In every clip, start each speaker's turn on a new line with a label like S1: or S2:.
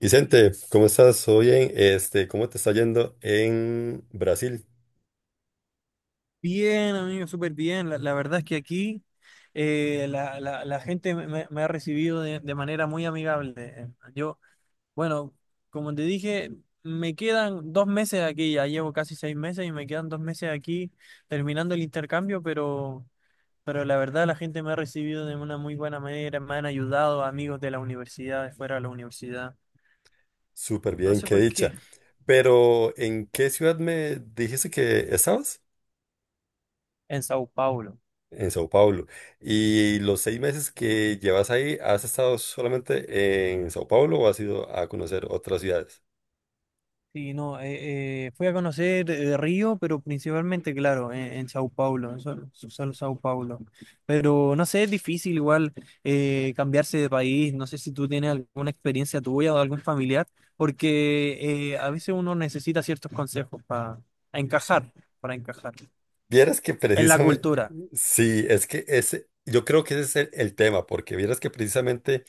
S1: Vicente, ¿cómo estás? Hoy en este, ¿cómo te está yendo en Brasil?
S2: Bien, amigo, súper bien. La verdad es que aquí la gente me ha recibido de manera muy amigable. Yo, bueno, como te dije, me quedan 2 meses aquí, ya llevo casi 6 meses y me quedan 2 meses aquí terminando el intercambio, pero la verdad la gente me ha recibido de una muy buena manera, me han ayudado amigos de la universidad, de fuera de la universidad.
S1: Súper
S2: No
S1: bien,
S2: sé
S1: qué
S2: por qué,
S1: dicha. Pero, ¿en qué ciudad me dijiste que estabas?
S2: en Sao Paulo.
S1: En Sao Paulo. ¿Y los 6 meses que llevas ahí, has estado solamente en Sao Paulo o has ido a conocer otras ciudades?
S2: Sí, no, fui a conocer Río, pero principalmente, claro, en Sao Paulo, en solo Sao Paulo. Pero no sé, es difícil igual cambiarse de país, no sé si tú tienes alguna experiencia tuya o de algún familiar, porque a veces uno necesita ciertos consejos para encajar, para encajar
S1: Vieras que
S2: en la
S1: precisamente,
S2: cultura,
S1: sí, es que ese, yo creo que ese es el tema, porque vieras que precisamente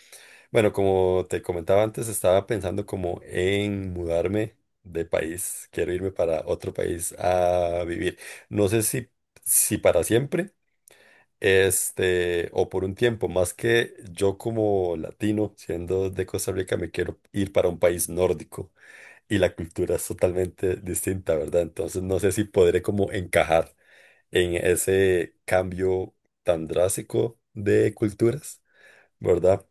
S1: bueno, como te comentaba antes, estaba pensando como en mudarme de país. Quiero irme para otro país a vivir. No sé si, si para siempre, este, o por un tiempo. Más que yo como latino, siendo de Costa Rica, me quiero ir para un país nórdico y la cultura es totalmente distinta, ¿verdad? Entonces no sé si podré como encajar en ese cambio tan drástico de culturas. ¿Verdad?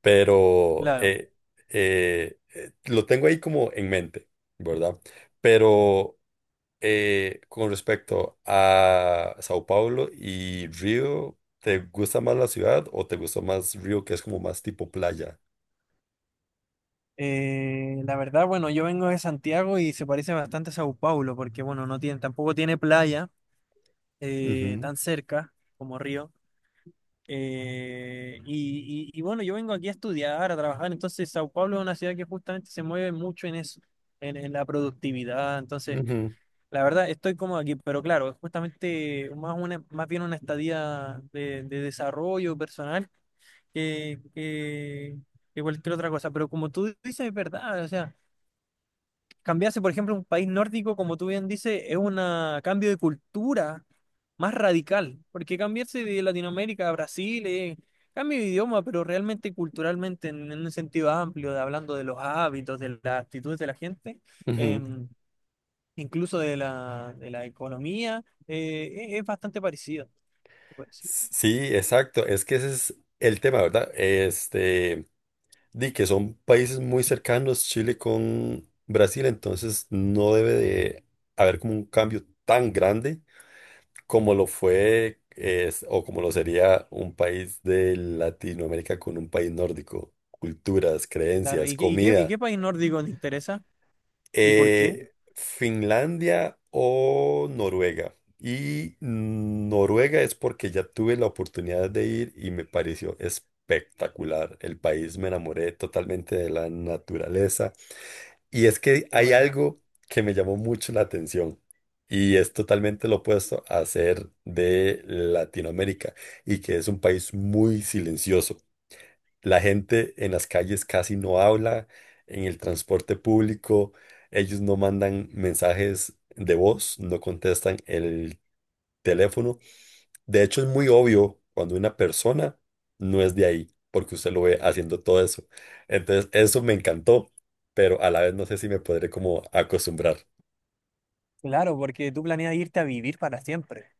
S1: Pero
S2: claro.
S1: lo tengo ahí como en mente, ¿verdad? Pero con respecto a Sao Paulo y Río, ¿te gusta más la ciudad o te gusta más Río, que es como más tipo playa?
S2: La verdad, bueno, yo vengo de Santiago y se parece bastante a Sao Paulo, porque bueno, tampoco tiene playa
S1: Ujú,
S2: tan cerca como Río. Y bueno, yo vengo aquí a estudiar, a trabajar, entonces Sao Paulo es una ciudad que justamente se mueve mucho en eso, en la productividad, entonces
S1: ujú,
S2: la verdad estoy cómodo aquí, pero claro, es justamente más bien una estadía de desarrollo personal que, que, que cualquier otra cosa, pero como tú dices, es verdad, o sea. Cambiarse, por ejemplo, a un país nórdico, como tú bien dices, es un cambio de cultura más radical, porque cambiarse de Latinoamérica a Brasil es cambio de idioma, pero realmente culturalmente, en un sentido amplio, hablando de los hábitos, de las actitudes de la gente, eh,
S1: ujú.
S2: incluso de la economía, es bastante parecido. Se puede decir.
S1: Sí, exacto. Es que ese es el tema, ¿verdad? Este. Di que son países muy cercanos, Chile con Brasil, entonces no debe de haber como un cambio tan grande como lo fue o como lo sería un país de Latinoamérica con un país nórdico. Culturas,
S2: Claro,
S1: creencias,
S2: ¿y qué, y qué, y
S1: comida.
S2: qué país nórdico te interesa? ¿Y por qué?
S1: Finlandia o Noruega. Y Noruega es porque ya tuve la oportunidad de ir y me pareció espectacular. El país me enamoré totalmente de la naturaleza y es que
S2: Qué
S1: hay
S2: buena.
S1: algo que me llamó mucho la atención y es totalmente lo opuesto a ser de Latinoamérica y que es un país muy silencioso. La gente en las calles casi no habla, en el transporte público ellos no mandan mensajes de voz, no contestan el teléfono. De hecho, es muy obvio cuando una persona no es de ahí, porque usted lo ve haciendo todo eso. Entonces, eso me encantó, pero a la vez no sé si me podré como acostumbrar.
S2: Claro, porque tú planeas irte a vivir para siempre.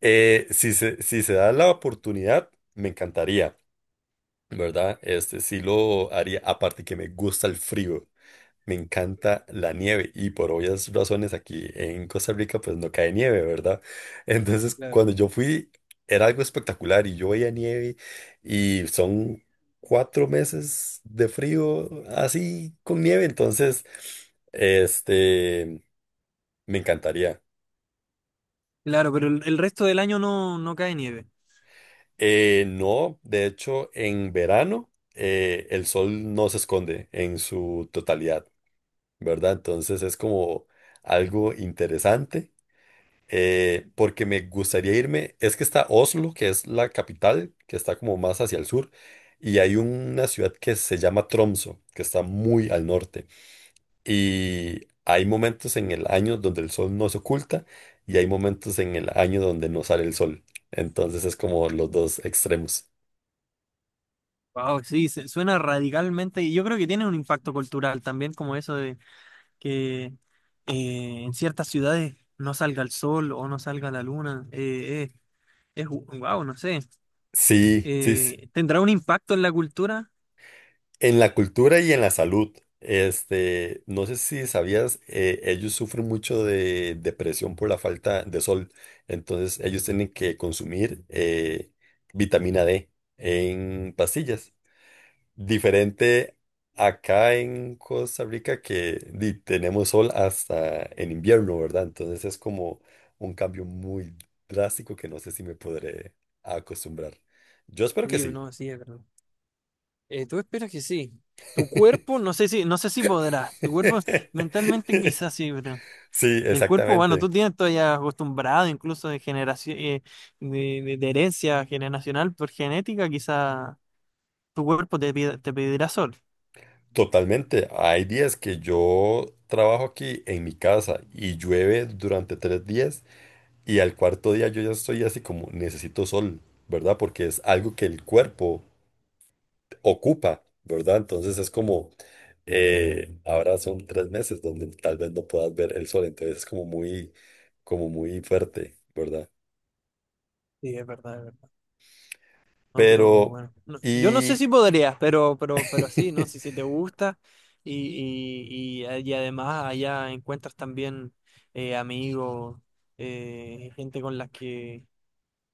S1: Si se da la oportunidad, me encantaría, ¿verdad? Este sí lo haría, aparte que me gusta el frío. Me encanta la nieve y por obvias razones aquí en Costa Rica pues no cae nieve, ¿verdad? Entonces
S2: Claro.
S1: cuando yo fui era algo espectacular y yo veía nieve y son 4 meses de frío así con nieve, entonces este me encantaría.
S2: Claro, pero el resto del año no, no cae nieve.
S1: No, de hecho en verano el sol no se esconde en su totalidad, ¿verdad? Entonces es como algo interesante porque me gustaría irme. Es que está Oslo, que es la capital, que está como más hacia el sur, y hay una ciudad que se llama Tromso, que está muy al norte. Y hay momentos en el año donde el sol no se oculta y hay momentos en el año donde no sale el sol. Entonces es como los dos extremos.
S2: Wow, sí, suena radicalmente. Y yo creo que tiene un impacto cultural también, como eso de que en ciertas ciudades no salga el sol o no salga la luna. Es wow, no sé.
S1: Sí, sí, sí.
S2: ¿Tendrá un impacto en la cultura?
S1: En la cultura y en la salud, este, no sé si sabías, ellos sufren mucho de depresión por la falta de sol, entonces ellos tienen que consumir vitamina D en pastillas, diferente acá en Costa Rica que di, tenemos sol hasta en invierno, ¿verdad? Entonces es como un cambio muy drástico que no sé si me podré acostumbrar. Yo espero que
S2: Sí,
S1: sí.
S2: no, sí, es verdad. Tú esperas que sí. Tu cuerpo, no sé si, no sé si podrás. Tu cuerpo mentalmente quizás sí, ¿verdad?
S1: Sí,
S2: El cuerpo bueno tú
S1: exactamente.
S2: tienes todavía acostumbrado incluso de generación, de herencia generacional por genética, quizá tu cuerpo te pedirá sol.
S1: Totalmente. Hay días que yo trabajo aquí en mi casa y llueve durante 3 días y al cuarto día yo ya estoy así como necesito sol, ¿verdad? Porque es algo que el cuerpo ocupa, ¿verdad? Entonces es como, ahora son 3 meses donde tal vez no puedas ver el sol, entonces es como muy fuerte, ¿verdad?
S2: Sí, es verdad, es verdad. No, pero
S1: Pero,
S2: bueno, yo no sé
S1: y
S2: si podrías, pero sí, ¿no? Si, si te gusta y además allá encuentras también amigos, gente con las que,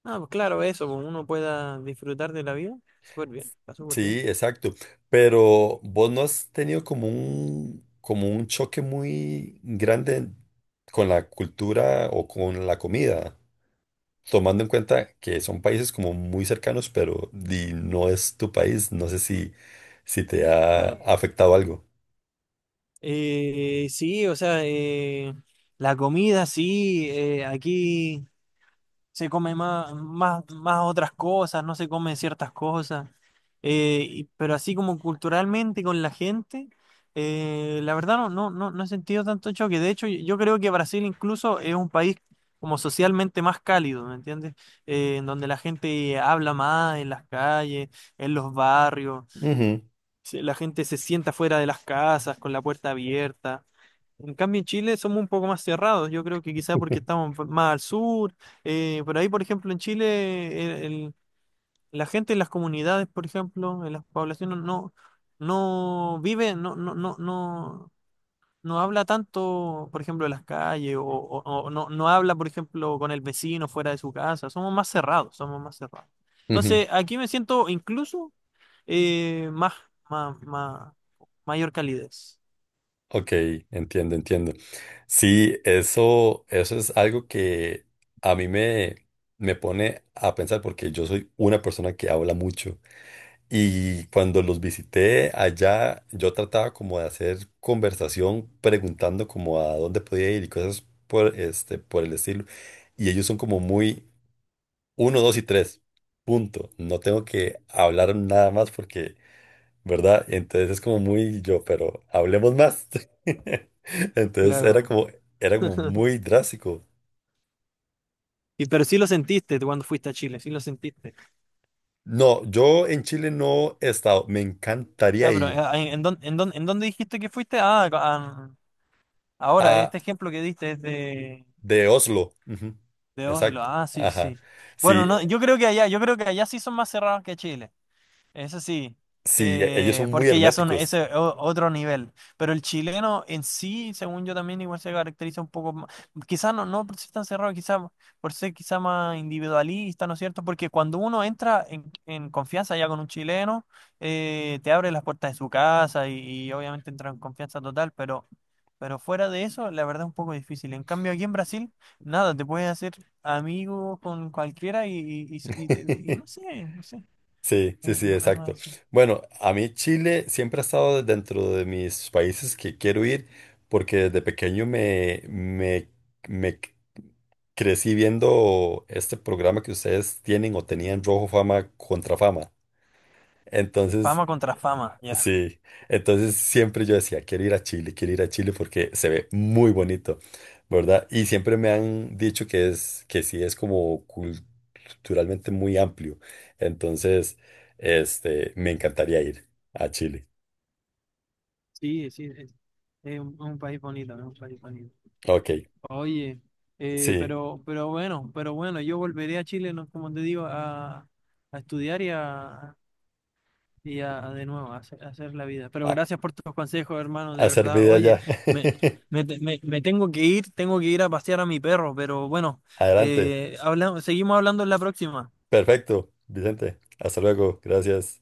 S2: ah, pues claro, eso, pues uno pueda disfrutar de la vida, súper bien, está súper bien.
S1: sí, exacto. Pero vos no has tenido como un choque muy grande con la cultura o con la comida, tomando en cuenta que son países como muy cercanos, pero no es tu país. No sé si, si te ha
S2: Claro.
S1: afectado algo.
S2: Sí, o sea, la comida, sí, aquí se come más otras cosas, no se comen ciertas cosas, pero así como culturalmente con la gente, la verdad no he sentido tanto choque. De hecho, yo creo que Brasil incluso es un país como socialmente más cálido, ¿me entiendes? En donde la gente habla más en las calles, en los barrios,
S1: Ujú.
S2: la gente se sienta fuera de las casas con la puerta abierta. En cambio, en Chile somos un poco más cerrados. Yo creo que quizás porque estamos más al sur. Por ahí, por ejemplo, en Chile, la gente en las comunidades, por ejemplo, en las poblaciones, no, no vive, no, no, no, no, no habla tanto, por ejemplo, en las calles, o no, no habla, por ejemplo, con el vecino fuera de su casa. Somos más cerrados, somos más cerrados.
S1: Ujú,
S2: Entonces, aquí me siento incluso eh, más, más, mayor calidez.
S1: ok, entiendo, entiendo. Sí, eso es algo que a mí me, me pone a pensar porque yo soy una persona que habla mucho. Y cuando los visité allá, yo trataba como de hacer conversación preguntando como a dónde podía ir y cosas por, este, por el estilo. Y ellos son como muy uno, dos y tres. Punto. No tengo que hablar nada más porque, ¿verdad? Entonces es como muy yo, pero hablemos más. Entonces
S2: Claro,
S1: era como muy drástico.
S2: y, pero sí lo sentiste tú cuando fuiste a Chile, sí lo sentiste.
S1: No, yo en Chile no he estado. Me encantaría
S2: Ah, pero
S1: ir.
S2: en dónde dijiste que fuiste? Ah, este ejemplo que diste es
S1: De Oslo. Ujú.
S2: de Oslo.
S1: Exacto.
S2: Ah, sí, sí.
S1: Ajá.
S2: Bueno,
S1: Sí,
S2: no, yo creo que allá, yo creo que allá sí son más cerrados que Chile. Eso sí,
S1: sí, ellos son muy
S2: porque ya son
S1: herméticos.
S2: otro nivel. Pero el chileno en sí, según yo también, igual se caracteriza un poco más. Quizás no, no por ser tan cerrado, quizás por ser quizá más individualista, ¿no es cierto? Porque cuando uno entra en confianza ya con un chileno, te abre las puertas de su casa y obviamente entra en confianza total, pero fuera de eso, la verdad es un poco difícil. En cambio, aquí en Brasil, nada, te puedes hacer amigo con cualquiera y no sé, no sé.
S1: Sí, sí,
S2: Es,
S1: sí, exacto. Bueno, a mí Chile siempre ha estado dentro de mis países que quiero ir porque desde pequeño me c- crecí viendo este programa que ustedes tienen o tenían Rojo Fama contra Fama. Entonces,
S2: Fama contra fama, ya.
S1: sí, entonces siempre yo decía, quiero ir a Chile, quiero ir a Chile porque se ve muy bonito, ¿verdad? Y siempre me han dicho que es, que sí es como culturalmente muy amplio. Entonces, este, me encantaría ir a Chile.
S2: Sí, es un país bonito, es un país bonito.
S1: Ok,
S2: Oye,
S1: sí,
S2: pero bueno, yo volveré a Chile, ¿no? Como te digo, a estudiar a de nuevo, a hacer la vida. Pero
S1: a,
S2: gracias por tus consejos, hermano,
S1: a
S2: de
S1: hacer
S2: verdad.
S1: vida
S2: Oye,
S1: ya.
S2: me, me tengo que ir a pasear a mi perro, pero bueno,
S1: Adelante.
S2: seguimos hablando en la próxima.
S1: Perfecto, Vicente. Hasta luego. Gracias.